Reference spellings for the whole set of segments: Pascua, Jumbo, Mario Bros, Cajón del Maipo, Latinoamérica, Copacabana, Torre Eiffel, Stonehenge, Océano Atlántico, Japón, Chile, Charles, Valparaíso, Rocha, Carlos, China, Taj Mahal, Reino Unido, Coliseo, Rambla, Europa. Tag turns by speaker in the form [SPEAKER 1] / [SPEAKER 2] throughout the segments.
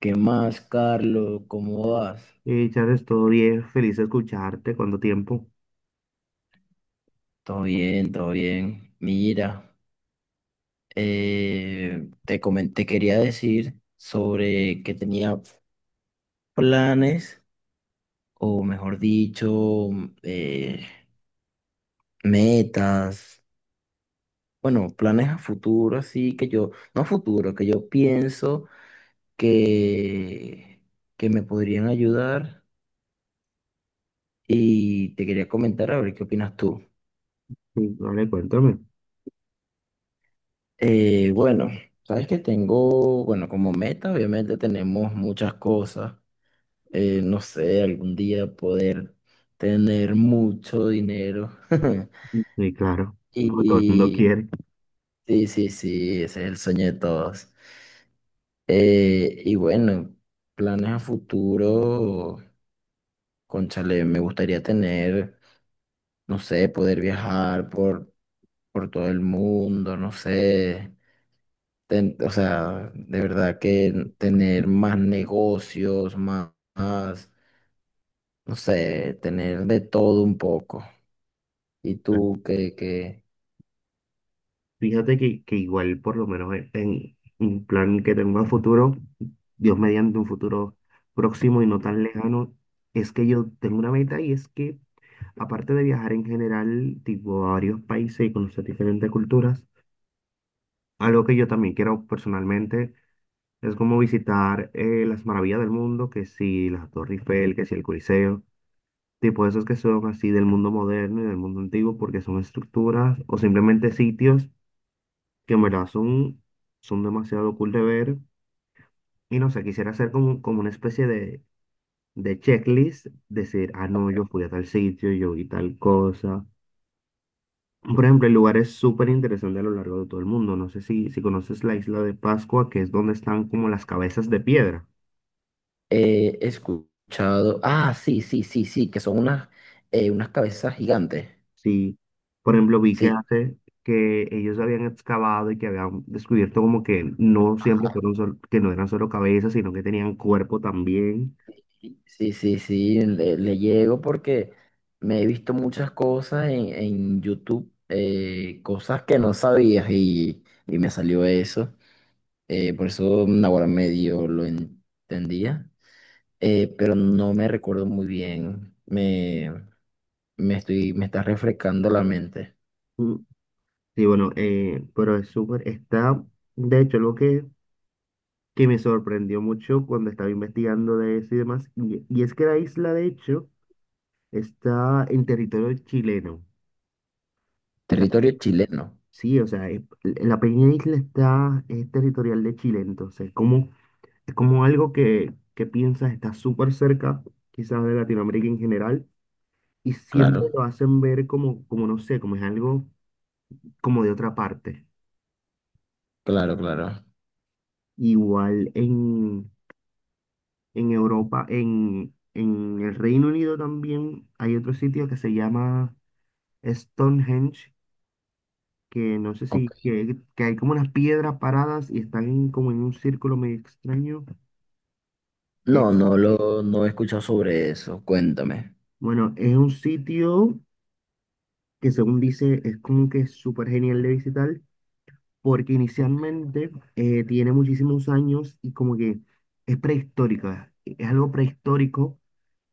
[SPEAKER 1] ¿Qué más, Carlos? ¿Cómo vas?
[SPEAKER 2] Y Charles, todo bien, feliz de escucharte, ¿cuánto tiempo?
[SPEAKER 1] Todo bien, todo bien. Mira, te quería decir sobre que tenía planes, o mejor dicho, eh, metas, bueno, planes a futuro, así que yo, no a futuro, que yo pienso que, que me podrían ayudar, y te quería comentar a ver qué opinas tú.
[SPEAKER 2] Sí, vale, cuéntame.
[SPEAKER 1] Bueno, sabes que tengo, bueno, como meta, obviamente tenemos muchas cosas. No sé, algún día poder tener mucho dinero.
[SPEAKER 2] Sí, claro, lo que todo el mundo
[SPEAKER 1] Y
[SPEAKER 2] quiere.
[SPEAKER 1] sí, sí, sí, ese es el sueño de todos. Y bueno, planes a futuro, cónchale, me gustaría tener, no sé, poder viajar por todo el mundo, no sé. O sea, de verdad que tener más negocios, más, más, no sé, tener de todo un poco. Y
[SPEAKER 2] Claro.
[SPEAKER 1] tú que, que.
[SPEAKER 2] Fíjate que igual, por lo menos en un plan que tengo a futuro, Dios mediante un futuro próximo y no tan lejano, es que yo tengo una meta y es que, aparte de viajar en general, tipo a varios países y conocer diferentes culturas, algo que yo también quiero personalmente es como visitar las maravillas del mundo, que si la Torre Eiffel, que si el Coliseo. Tipo esos que son así del mundo moderno y del mundo antiguo, porque son estructuras o simplemente sitios que en verdad son demasiado cool de ver. Y no sé, quisiera hacer como una especie de checklist, decir, ah, no, yo fui a tal sitio, yo vi tal cosa. Por ejemplo, el lugar es súper interesante a lo largo de todo el mundo. No sé si conoces la isla de Pascua, que es donde están como las cabezas de piedra.
[SPEAKER 1] He escuchado, ah, sí, sí, sí, sí, que son unas, unas cabezas gigantes.
[SPEAKER 2] Sí, por ejemplo, vi que
[SPEAKER 1] Sí,
[SPEAKER 2] hace que ellos habían excavado y que habían descubierto como que no siempre fueron que no eran solo cabezas, sino que tenían cuerpo también.
[SPEAKER 1] sí, sí, sí, le llego porque me he visto muchas cosas en YouTube, cosas que no sabías y me salió eso. Por eso ahora medio lo entendía, pero no me recuerdo muy bien. Me estoy, me está refrescando la mente.
[SPEAKER 2] Mm, Sí, bueno, pero es súper, de hecho, que me sorprendió mucho cuando estaba investigando de eso y demás, y es que la isla, de hecho, está en territorio chileno.
[SPEAKER 1] Territorio chileno,
[SPEAKER 2] Sí, o sea, la pequeña isla está, es territorial de Chile, entonces, como, es como algo que piensas está súper cerca, quizás de Latinoamérica en general, y siempre
[SPEAKER 1] claro,
[SPEAKER 2] lo hacen ver como, como no sé, como es algo como de otra parte.
[SPEAKER 1] claro, claro.
[SPEAKER 2] Igual en Europa, en el Reino Unido también hay otro sitio que se llama Stonehenge, que no sé si,
[SPEAKER 1] Ok.
[SPEAKER 2] que hay como unas piedras paradas y están como en un círculo medio extraño.
[SPEAKER 1] No, no lo, no he escuchado sobre eso. Cuéntame.
[SPEAKER 2] Bueno, es un sitio que según dice es como que súper genial de visitar porque
[SPEAKER 1] Ok.
[SPEAKER 2] inicialmente tiene muchísimos años y como que es es algo prehistórico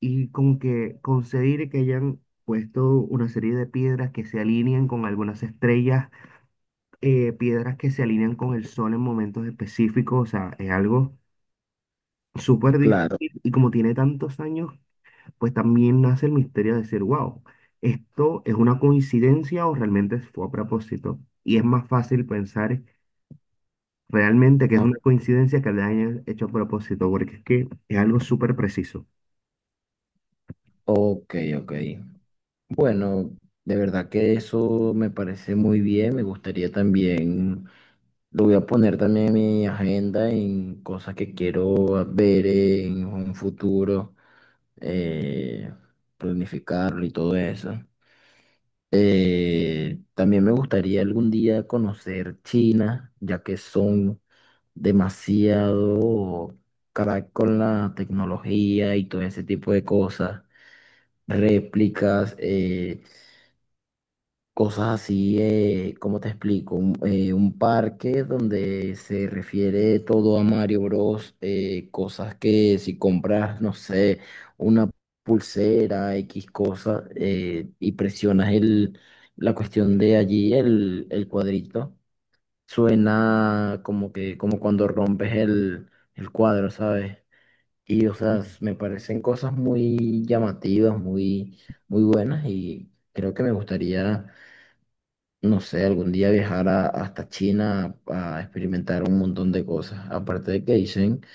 [SPEAKER 2] y como que conseguir que hayan puesto una serie de piedras que se alinean con algunas estrellas, piedras que se alinean con el sol en momentos específicos, o sea, es algo súper
[SPEAKER 1] Claro.
[SPEAKER 2] difícil y como tiene tantos años pues también nace el misterio de decir, wow, esto es una coincidencia o realmente fue a propósito. Y es más fácil pensar realmente que es
[SPEAKER 1] o-
[SPEAKER 2] una coincidencia que le hayan hecho a propósito, porque es que es algo súper preciso.
[SPEAKER 1] Ok, ok. Bueno, de verdad que eso me parece muy bien. Me gustaría también. Lo voy a poner también en mi agenda, en cosas que quiero ver en un futuro, eh, planificarlo y todo eso. También me gustaría algún día conocer China, ya que son demasiado crack con la tecnología y todo ese tipo de cosas, réplicas. Cosas así, ¿cómo te explico? Un parque donde se refiere todo a Mario Bros. Cosas que si compras, no sé, una pulsera, X cosa, y presionas el, la cuestión de allí, el cuadrito, suena como que, como cuando rompes el cuadro, ¿sabes? Y, o sea, me parecen cosas muy llamativas, muy, muy buenas, y creo que me gustaría, no sé, algún día viajar hasta China a experimentar un montón de cosas. Aparte de que dicen,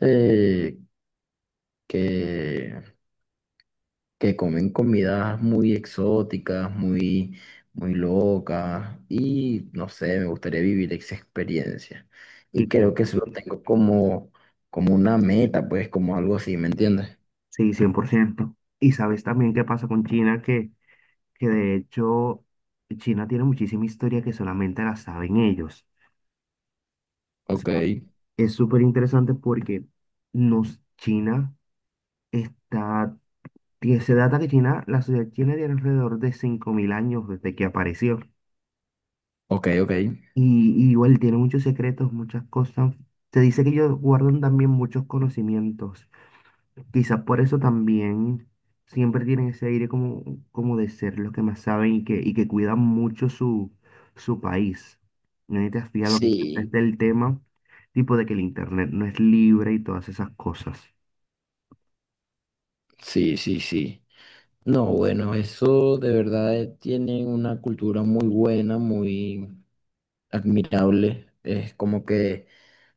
[SPEAKER 1] eh, que, que comen comidas muy exóticas, muy, muy locas, y no sé, me gustaría vivir esa experiencia. Y
[SPEAKER 2] Sí, claro.
[SPEAKER 1] creo que eso lo tengo como, como una meta, pues, como algo así, ¿me entiendes?
[SPEAKER 2] Sí, 100%. Y sabes también qué pasa con China, que de hecho China tiene muchísima historia que solamente la saben ellos. O
[SPEAKER 1] Ok,
[SPEAKER 2] sea, es súper interesante porque nos, China está Se data que China, la sociedad china tiene alrededor de 5000 años desde que apareció.
[SPEAKER 1] ok, ok.
[SPEAKER 2] Y igual tiene muchos secretos, muchas cosas. Se dice que ellos guardan también muchos conocimientos. Quizás por eso también siempre tienen ese aire como, como de ser los que más saben y que cuidan mucho su, su país. No sé si te has fijado que siempre
[SPEAKER 1] Sí,
[SPEAKER 2] está el tema, tipo de que el internet no es libre y todas esas cosas.
[SPEAKER 1] sí, sí, sí. No, bueno, eso de verdad tiene una cultura muy buena, muy admirable. Es como que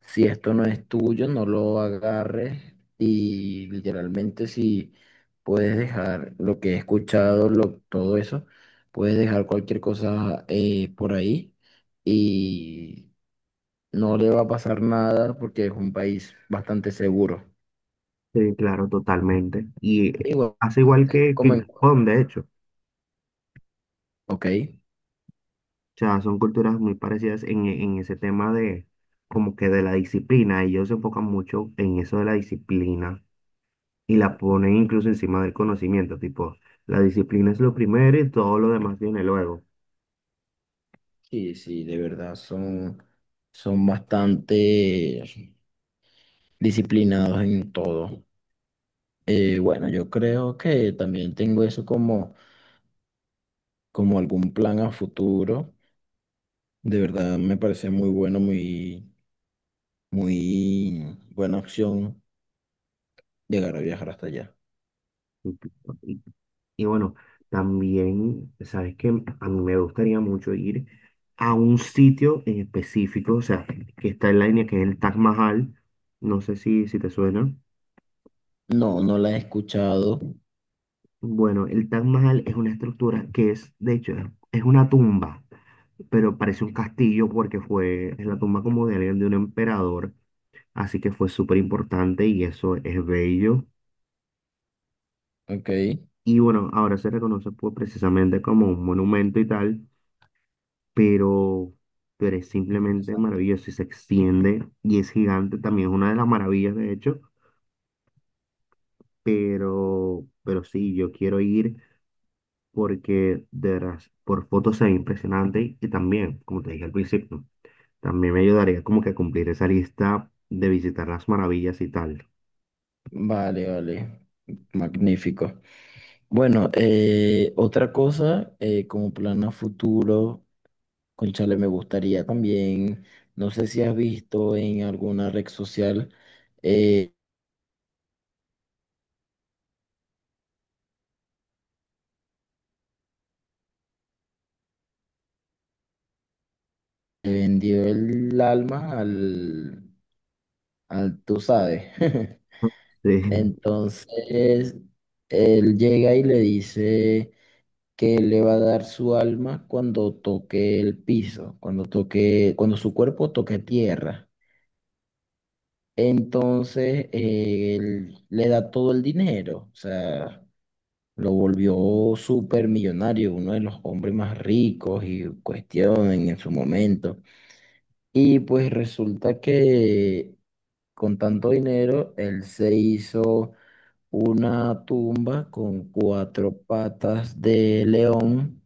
[SPEAKER 1] si esto no es tuyo, no lo agarres, y literalmente si puedes dejar lo que he escuchado, lo, todo eso, puedes dejar cualquier cosa por ahí, y no le va a pasar nada porque es un país bastante seguro.
[SPEAKER 2] Sí, claro, totalmente. Y
[SPEAKER 1] Igual,
[SPEAKER 2] hace igual que
[SPEAKER 1] como
[SPEAKER 2] en
[SPEAKER 1] en...
[SPEAKER 2] Japón, de hecho.
[SPEAKER 1] Ok.
[SPEAKER 2] O sea, son culturas muy parecidas en ese tema de como que de la disciplina. Ellos se enfocan mucho en eso de la disciplina y la ponen incluso encima del conocimiento. Tipo, la disciplina es lo primero y todo lo demás viene luego.
[SPEAKER 1] Sí, sí, de verdad, son, son bastante disciplinados en todo. Bueno, yo creo que también tengo eso como, como algún plan a futuro. De verdad, me parece muy bueno, muy, muy buena opción llegar a viajar hasta allá.
[SPEAKER 2] Y, y- y bueno, también, sabes que a mí me gustaría mucho ir a un sitio en específico, o sea, que está en la línea que es el Taj Mahal. No sé si te suena.
[SPEAKER 1] No, no la he escuchado.
[SPEAKER 2] Bueno, el Taj Mahal es una estructura que es, de hecho, es una tumba, pero parece un castillo porque fue, es la tumba como de alguien, de un emperador, así que fue súper importante y eso es bello.
[SPEAKER 1] Ok.
[SPEAKER 2] Y bueno, ahora se reconoce pues, precisamente como un monumento y tal, pero, pero es simplemente
[SPEAKER 1] Exacto.
[SPEAKER 2] maravilloso y se extiende y es gigante, también es una de las maravillas, de hecho, pero sí, yo quiero ir, porque de veras, por fotos se ve impresionante y también, como te dije al principio, también me ayudaría como que a cumplir esa lista de visitar las maravillas y tal.
[SPEAKER 1] Vale, vale. Magnífico. Bueno, otra cosa, como plan a futuro. Cónchale, me gustaría también, no sé si has visto en alguna red social, eh, que vendió el alma al, al tú sabes.
[SPEAKER 2] Sí,
[SPEAKER 1] Entonces, él llega y le dice que le va a dar su alma cuando toque el piso, cuando toque, cuando su cuerpo toque tierra. Entonces, él le da todo el dinero, o sea. Lo volvió súper millonario, uno de los hombres más ricos y cuestionen en su momento. Y pues resulta que con tanto dinero, él se hizo una tumba con cuatro patas de león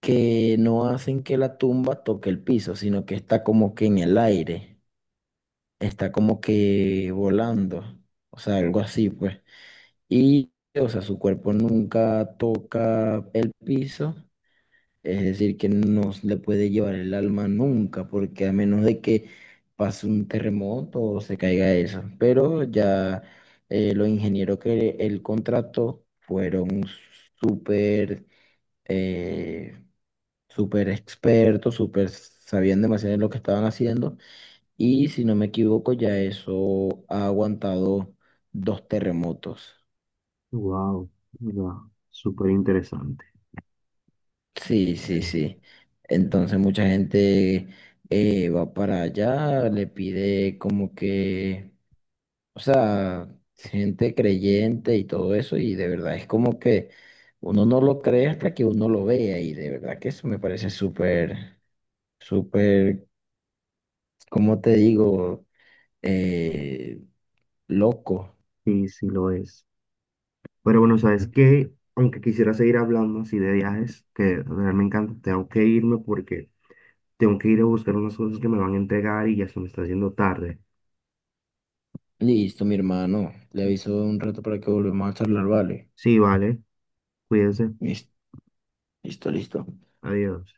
[SPEAKER 1] que no hacen que la tumba toque el piso, sino que está como que en el aire, está como que volando, o sea, algo así pues. Y, o sea, su cuerpo nunca toca el piso. Es decir, que no se le puede llevar el alma nunca, porque a menos de que pase un terremoto o se caiga eso. Pero ya los ingenieros que él contrató fueron súper, eh, súper expertos, súper sabían demasiado de lo que estaban haciendo. Y si no me equivoco, ya eso ha aguantado 2 terremotos.
[SPEAKER 2] wow, wow, súper interesante.
[SPEAKER 1] Sí, sí, sí. Entonces mucha gente va para allá, le pide como que, o sea, gente creyente y todo eso, y de verdad es como que uno no lo cree hasta que uno lo vea, y de verdad que eso me parece súper, súper, ¿cómo te digo? Eh, Loco.
[SPEAKER 2] Sí, sí lo es. Pero bueno, sabes que, aunque quisiera seguir hablando así de viajes, que de verdad me encanta, tengo que irme porque tengo que ir a buscar unas cosas que me van a entregar y ya se me está haciendo tarde.
[SPEAKER 1] Listo, mi hermano. Le aviso un rato para que volvamos a charlar, ¿vale?
[SPEAKER 2] Sí, vale, cuídense,
[SPEAKER 1] Listo, listo, listo.
[SPEAKER 2] adiós.